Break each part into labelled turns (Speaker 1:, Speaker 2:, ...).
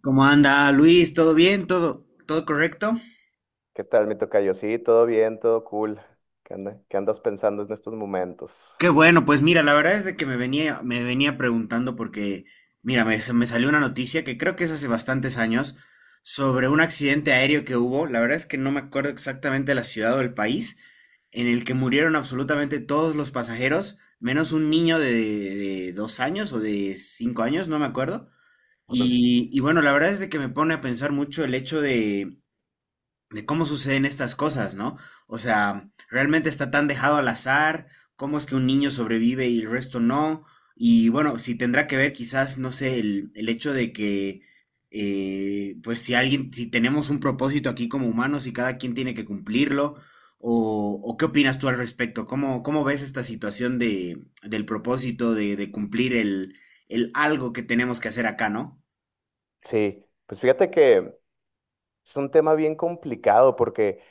Speaker 1: ¿Cómo anda Luis? ¿Todo bien? ¿Todo, todo correcto?
Speaker 2: ¿Qué tal, mi tocayo? Sí, todo bien, todo cool. ¿Qué andas pensando en estos momentos?
Speaker 1: Qué bueno. Pues mira, la verdad es de que me venía preguntando porque, mira, se me salió una noticia que creo que es hace bastantes años, sobre un accidente aéreo que hubo. La verdad es que no me acuerdo exactamente la ciudad o el país en el que murieron absolutamente todos los pasajeros, menos un niño de dos años o de cinco años, no me acuerdo.
Speaker 2: Órale.
Speaker 1: Y bueno, la verdad es de que me pone a pensar mucho el hecho de cómo suceden estas cosas, ¿no? O sea, realmente está tan dejado al azar, cómo es que un niño sobrevive y el resto no. Y bueno, si tendrá que ver quizás, no sé, el hecho de que, pues si alguien, si tenemos un propósito aquí como humanos y cada quien tiene que cumplirlo, o qué opinas tú al respecto. ¿Cómo, cómo ves esta situación de, del propósito de cumplir el algo que tenemos que hacer acá, ¿no?
Speaker 2: Sí, pues fíjate que es un tema bien complicado porque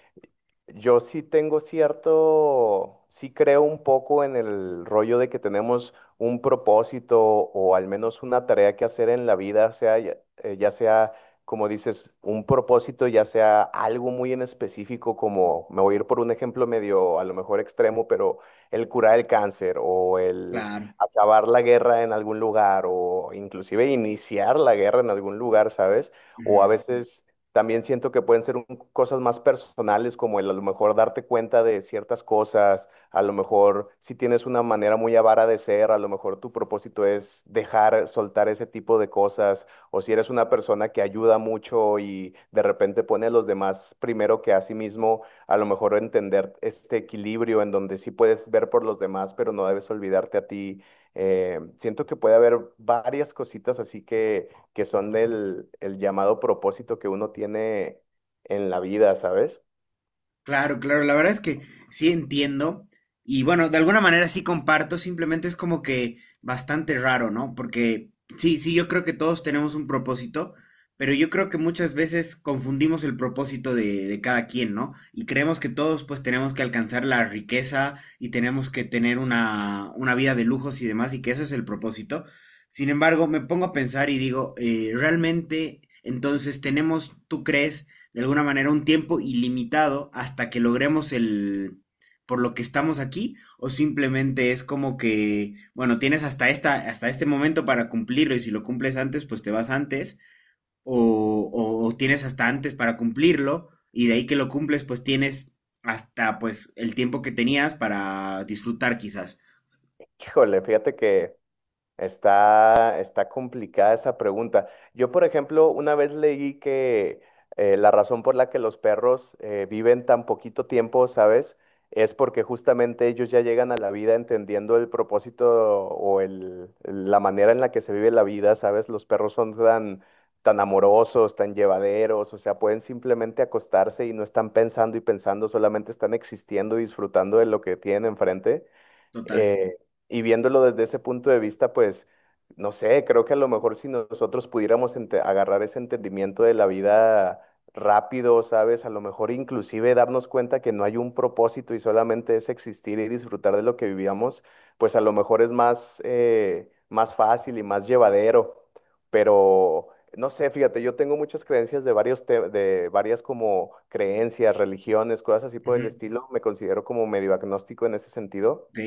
Speaker 2: yo sí tengo cierto, sí creo un poco en el rollo de que tenemos un propósito o al menos una tarea que hacer en la vida, sea ya, ya sea, como dices, un propósito, ya sea algo muy en específico, como me voy a ir por un ejemplo medio, a lo mejor extremo, pero el curar el cáncer o el
Speaker 1: Claro.
Speaker 2: acabar la guerra en algún lugar o inclusive iniciar la guerra en algún lugar, ¿sabes? O a veces también siento que pueden ser cosas más personales, como el a lo mejor darte cuenta de ciertas cosas, a lo mejor si tienes una manera muy avara de ser, a lo mejor tu propósito es dejar soltar ese tipo de cosas, o si eres una persona que ayuda mucho y de repente pone a los demás primero que a sí mismo, a lo mejor entender este equilibrio en donde sí puedes ver por los demás, pero no debes olvidarte a ti. Siento que puede haber varias cositas así que son del el llamado propósito que uno tiene en la vida, ¿sabes?
Speaker 1: Claro, claro, la verdad es que sí entiendo y bueno, de alguna manera sí comparto, simplemente es como que bastante raro, ¿no? Porque sí, sí, yo creo que todos tenemos un propósito, pero yo creo que muchas veces confundimos el propósito de cada quien, ¿no? Y creemos que todos pues tenemos que alcanzar la riqueza y tenemos que tener una vida de lujos y demás y que eso es el propósito. Sin embargo, me pongo a pensar y digo, ¿realmente entonces tenemos, tú crees, de alguna manera un tiempo ilimitado hasta que logremos el por lo que estamos aquí? O simplemente es como que, bueno, tienes hasta esta hasta este momento para cumplirlo, y si lo cumples antes, pues te vas antes. O tienes hasta antes para cumplirlo y de ahí que lo cumples, pues tienes hasta pues el tiempo que tenías para disfrutar quizás.
Speaker 2: Híjole, fíjate que está complicada esa pregunta. Yo, por ejemplo, una vez leí que la razón por la que los perros viven tan poquito tiempo, ¿sabes? Es porque justamente ellos ya llegan a la vida entendiendo el propósito o el, la manera en la que se vive la vida, ¿sabes? Los perros son tan, tan amorosos, tan llevaderos, o sea, pueden simplemente acostarse y no están pensando y pensando, solamente están existiendo y disfrutando de lo que tienen enfrente.
Speaker 1: Total.
Speaker 2: Eh, y viéndolo desde ese punto de vista, pues, no sé, creo que a lo mejor si nosotros pudiéramos agarrar ese entendimiento de la vida rápido, ¿sabes? A lo mejor inclusive darnos cuenta que no hay un propósito y solamente es existir y disfrutar de lo que vivíamos, pues a lo mejor es más, más fácil y más llevadero. Pero, no sé, fíjate, yo tengo muchas creencias de varios de varias como creencias, religiones, cosas así por
Speaker 1: Ujú.
Speaker 2: el estilo. Me considero como medio agnóstico en ese sentido.
Speaker 1: Ok.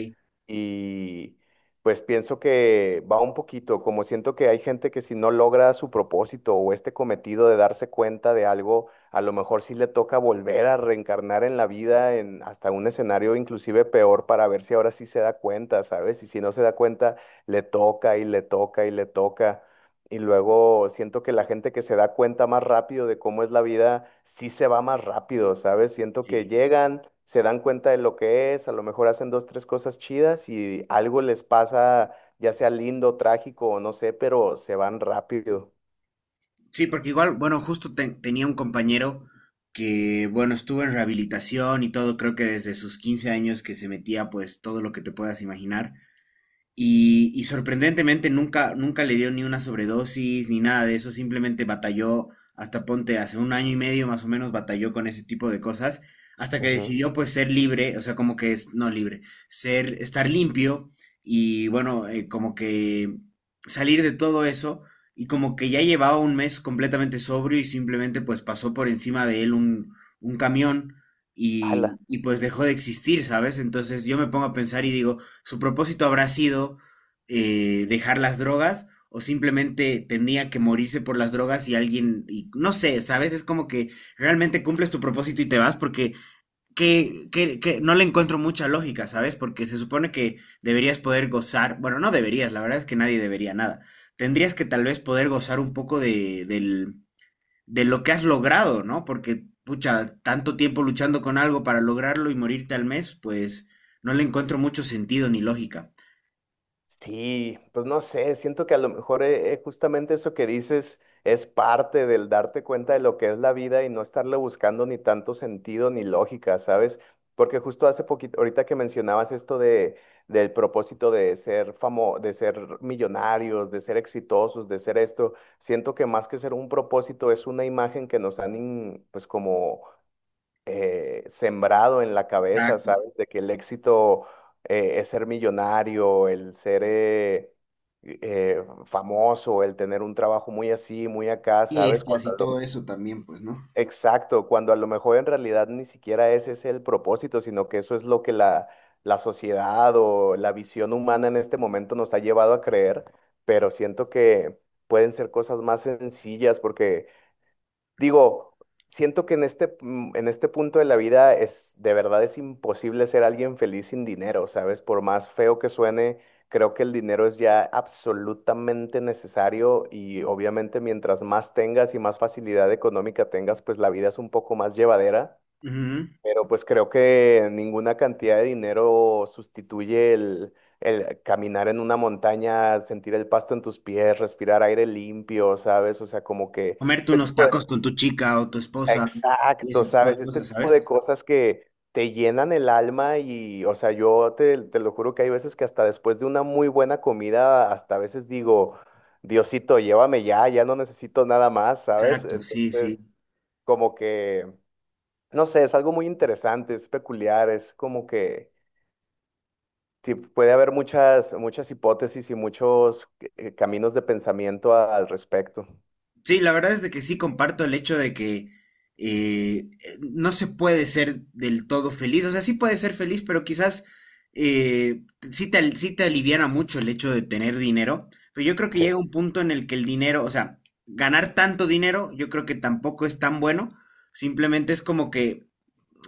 Speaker 2: Y pues pienso que va un poquito, como siento que hay gente que si no logra su propósito o este cometido de darse cuenta de algo, a lo mejor sí le toca volver a reencarnar en la vida, en hasta un escenario inclusive peor para ver si ahora sí se da cuenta, ¿sabes? Y si no se da cuenta, le toca y le toca y le toca. Y luego siento que la gente que se da cuenta más rápido de cómo es la vida, sí se va más rápido, ¿sabes? Siento que
Speaker 1: Sí.
Speaker 2: llegan, se dan cuenta de lo que es, a lo mejor hacen dos, tres cosas chidas y algo les pasa, ya sea lindo, trágico o no sé, pero se van rápido.
Speaker 1: Sí, porque igual, bueno, justo tenía un compañero que, bueno, estuvo en rehabilitación y todo, creo que desde sus 15 años que se metía pues todo lo que te puedas imaginar, y sorprendentemente nunca, nunca le dio ni una sobredosis ni nada de eso, simplemente batalló hasta ponte hace un año y medio más o menos, batalló con ese tipo de cosas, hasta que
Speaker 2: Ujú.
Speaker 1: decidió pues ser libre, o sea, como que es, no libre, ser, estar limpio y bueno, como que salir de todo eso, y como que ya llevaba un mes completamente sobrio y simplemente pues pasó por encima de él un camión, y pues dejó de existir, ¿sabes? Entonces yo me pongo a pensar y digo, su propósito habrá sido, dejar las drogas, o simplemente tenía que morirse por las drogas y alguien, y no sé, ¿sabes? Es como que realmente cumples tu propósito y te vas porque que no le encuentro mucha lógica, ¿sabes? Porque se supone que deberías poder gozar, bueno, no deberías, la verdad es que nadie debería nada. Tendrías que tal vez poder gozar un poco del, de lo que has logrado, ¿no? Porque, pucha, tanto tiempo luchando con algo para lograrlo y morirte al mes, pues no le encuentro mucho sentido ni lógica.
Speaker 2: Sí, pues no sé, siento que a lo mejor justamente eso que dices es parte del darte cuenta de lo que es la vida y no estarle buscando ni tanto sentido ni lógica, ¿sabes? Porque justo hace poquito, ahorita que mencionabas esto de, del propósito de ser famo, de ser millonarios, de ser exitosos, de ser esto, siento que más que ser un propósito es una imagen que nos han, pues como sembrado en la cabeza,
Speaker 1: Exacto.
Speaker 2: ¿sabes? De que el éxito es ser millonario, el ser famoso, el tener un trabajo muy así, muy acá, ¿sabes?
Speaker 1: Fiestas y todo eso también, pues, ¿no?
Speaker 2: Exacto, cuando a lo mejor en realidad ni siquiera ese es el propósito, sino que eso es lo que la sociedad o la visión humana en este momento nos ha llevado a creer, pero siento que pueden ser cosas más sencillas porque digo, siento que en este, en este punto de la vida es, de verdad es imposible ser alguien feliz sin dinero, ¿sabes? Por más feo que suene, creo que el dinero es ya absolutamente necesario y obviamente mientras más tengas y más facilidad económica tengas, pues la vida es un poco más llevadera,
Speaker 1: Ujú.
Speaker 2: pero pues creo que ninguna cantidad de dinero sustituye el... El caminar en una montaña, sentir el pasto en tus pies, respirar aire limpio, ¿sabes? O sea, como que
Speaker 1: Comerte
Speaker 2: este
Speaker 1: unos
Speaker 2: tipo de
Speaker 1: tacos con tu chica o tu esposa y
Speaker 2: exacto,
Speaker 1: ese tipo
Speaker 2: ¿sabes?
Speaker 1: de
Speaker 2: Este
Speaker 1: cosas,
Speaker 2: tipo
Speaker 1: ¿sabes?
Speaker 2: de cosas que te llenan el alma y, o sea, yo te, te lo juro que hay veces que hasta después de una muy buena comida, hasta a veces digo, Diosito, llévame ya, ya no necesito nada más, ¿sabes?
Speaker 1: Exacto, sí,
Speaker 2: Entonces,
Speaker 1: sí.
Speaker 2: como que, no sé, es algo muy interesante, es peculiar, es como que sí, puede haber muchas, muchas hipótesis y muchos caminos de pensamiento al respecto.
Speaker 1: Sí, la verdad es de que sí comparto el hecho de que no se puede ser del todo feliz. O sea, sí puede ser feliz, pero quizás, eh, sí te, sí te aliviana mucho el hecho de tener dinero. Pero yo creo que
Speaker 2: Sí,
Speaker 1: llega un punto en el que el dinero, o sea, ganar tanto dinero, yo creo que tampoco es tan bueno. Simplemente es como que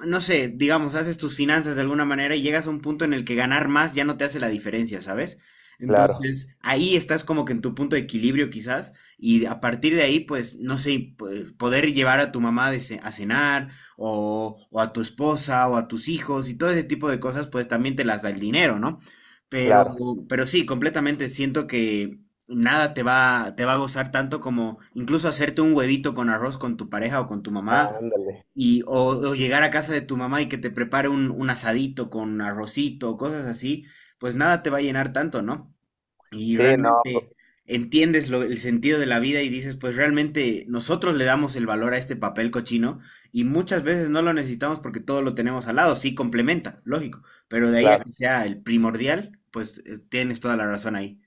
Speaker 1: no sé, digamos, haces tus finanzas de alguna manera y llegas a un punto en el que ganar más ya no te hace la diferencia, ¿sabes?
Speaker 2: claro,
Speaker 1: Entonces, ahí estás como que en tu punto de equilibrio quizás, y a partir de ahí, pues, no sé, poder llevar a tu mamá a cenar, o a tu esposa o a tus hijos y todo ese tipo de cosas, pues también te las da el dinero, ¿no? Pero,
Speaker 2: claro.
Speaker 1: pero sí, completamente siento que nada te va, te va a gozar tanto como incluso hacerte un huevito con arroz con tu pareja o con tu mamá
Speaker 2: Ándale.
Speaker 1: y o llegar a casa de tu mamá y que te prepare un asadito con arrocito, cosas así, pues nada te va a llenar tanto, ¿no? Y
Speaker 2: Sí, no, p-
Speaker 1: realmente entiendes el sentido de la vida y dices, pues realmente nosotros le damos el valor a este papel cochino, y muchas veces no lo necesitamos porque todo lo tenemos al lado. Sí complementa, lógico, pero de ahí a
Speaker 2: claro.
Speaker 1: que sea el primordial, pues tienes toda la razón ahí.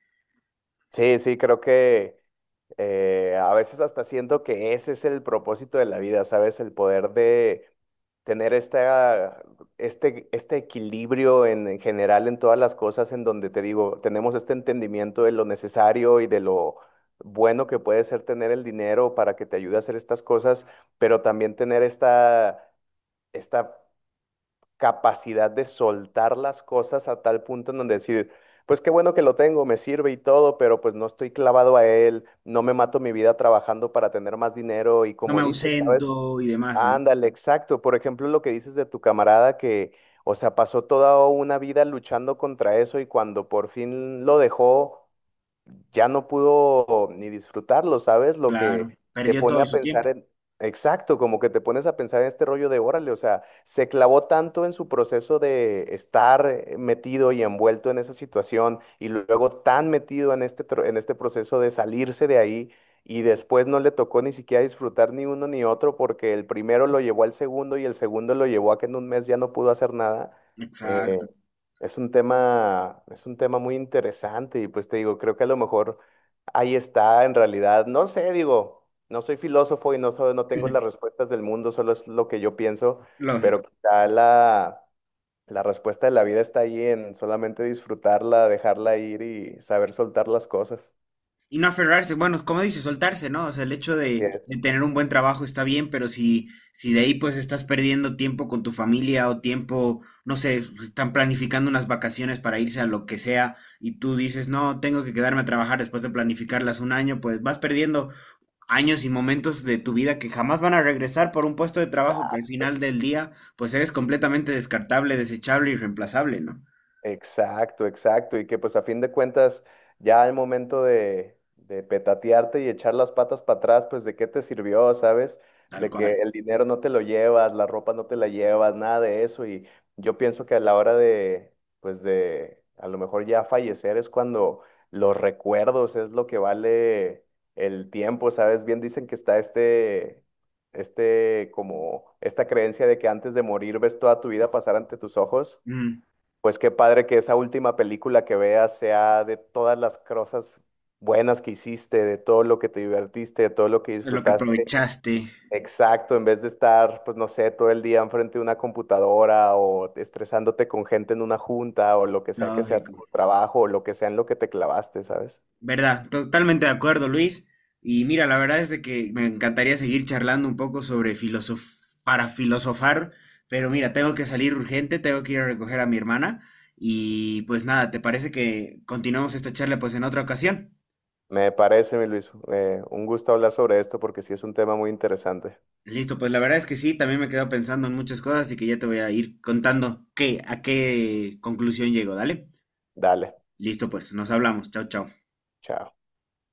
Speaker 2: Sí, sí, creo que a veces hasta siento que ese es el propósito de la vida, ¿sabes? El poder de tener esta, este equilibrio en general en todas las cosas en donde te digo, tenemos este entendimiento de lo necesario y de lo bueno que puede ser tener el dinero para que te ayude a hacer estas cosas, pero también tener esta, esta capacidad de soltar las cosas a tal punto en donde decir, pues qué bueno que lo tengo, me sirve y todo, pero pues no estoy clavado a él, no me mato mi vida trabajando para tener más dinero y
Speaker 1: No me
Speaker 2: como dices, ¿sabes?
Speaker 1: ausento y demás, ¿no?
Speaker 2: Ándale, exacto. Por ejemplo, lo que dices de tu camarada que, o sea, pasó toda una vida luchando contra eso y cuando por fin lo dejó ya no pudo ni disfrutarlo, ¿sabes? Lo que
Speaker 1: Claro,
Speaker 2: te
Speaker 1: perdió
Speaker 2: pone
Speaker 1: todo
Speaker 2: a
Speaker 1: su tiempo.
Speaker 2: pensar en, exacto, como que te pones a pensar en este rollo de órale, o sea, se clavó tanto en su proceso de estar metido y envuelto en esa situación y luego tan metido en este, en este proceso de salirse de ahí. Y después no le tocó ni siquiera disfrutar ni uno ni otro porque el primero lo llevó al segundo y el segundo lo llevó a que en un mes ya no pudo hacer nada. eh,
Speaker 1: Exacto,
Speaker 2: es un tema, es un tema muy interesante y pues te digo, creo que a lo mejor ahí está en realidad, no sé, digo, no soy filósofo y no tengo las respuestas del mundo, solo es lo que yo pienso, pero
Speaker 1: lógico.
Speaker 2: quizá la, la respuesta de la vida está ahí en solamente disfrutarla, dejarla ir y saber soltar las cosas.
Speaker 1: Y no aferrarse, bueno, como dices, soltarse, ¿no? O sea, el hecho
Speaker 2: Así es.
Speaker 1: de tener un buen trabajo está bien, pero si, si de ahí pues estás perdiendo tiempo con tu familia o tiempo, no sé, están planificando unas vacaciones para irse a lo que sea y tú dices, no, tengo que quedarme a trabajar después de planificarlas un año, pues vas perdiendo años y momentos de tu vida que jamás van a regresar por un puesto de trabajo que al final del día pues eres completamente descartable, desechable y reemplazable, ¿no?
Speaker 2: Exacto, exacto. Y que pues a fin de cuentas, ya al momento de petatearte y echar las patas para atrás, pues de qué te sirvió, ¿sabes?
Speaker 1: Tal
Speaker 2: De que
Speaker 1: cual.
Speaker 2: el dinero no te lo llevas, la ropa no te la llevas, nada de eso. Y yo pienso que a la hora de, pues de, a lo mejor ya fallecer es cuando los recuerdos es lo que vale el tiempo, ¿sabes? Bien dicen que está este, este, como esta creencia de que antes de morir ves toda tu vida pasar ante tus ojos.
Speaker 1: Mm,
Speaker 2: Pues qué padre que esa última película que veas sea de todas las cosas buenas que hiciste, de todo lo que te divertiste, de todo lo que
Speaker 1: es lo que
Speaker 2: disfrutaste.
Speaker 1: aprovechaste,
Speaker 2: Exacto, en vez de estar, pues no sé, todo el día enfrente de una computadora o estresándote con gente en una junta o lo que sea tu
Speaker 1: lógico.
Speaker 2: trabajo o lo que sea en lo que te clavaste, ¿sabes?
Speaker 1: Verdad, totalmente de acuerdo, Luis. Y mira, la verdad es de que me encantaría seguir charlando un poco sobre filosof para filosofar, pero mira, tengo que salir urgente, tengo que ir a recoger a mi hermana, y pues nada, ¿te parece que continuamos esta charla pues en otra ocasión?
Speaker 2: Me parece, mi Luis, un gusto hablar sobre esto porque sí es un tema muy interesante.
Speaker 1: Listo, pues la verdad es que sí, también me he quedado pensando en muchas cosas, y que ya te voy a ir contando qué, a qué conclusión llego, ¿dale?
Speaker 2: Dale,
Speaker 1: Listo, pues nos hablamos. Chao, chao.
Speaker 2: chao.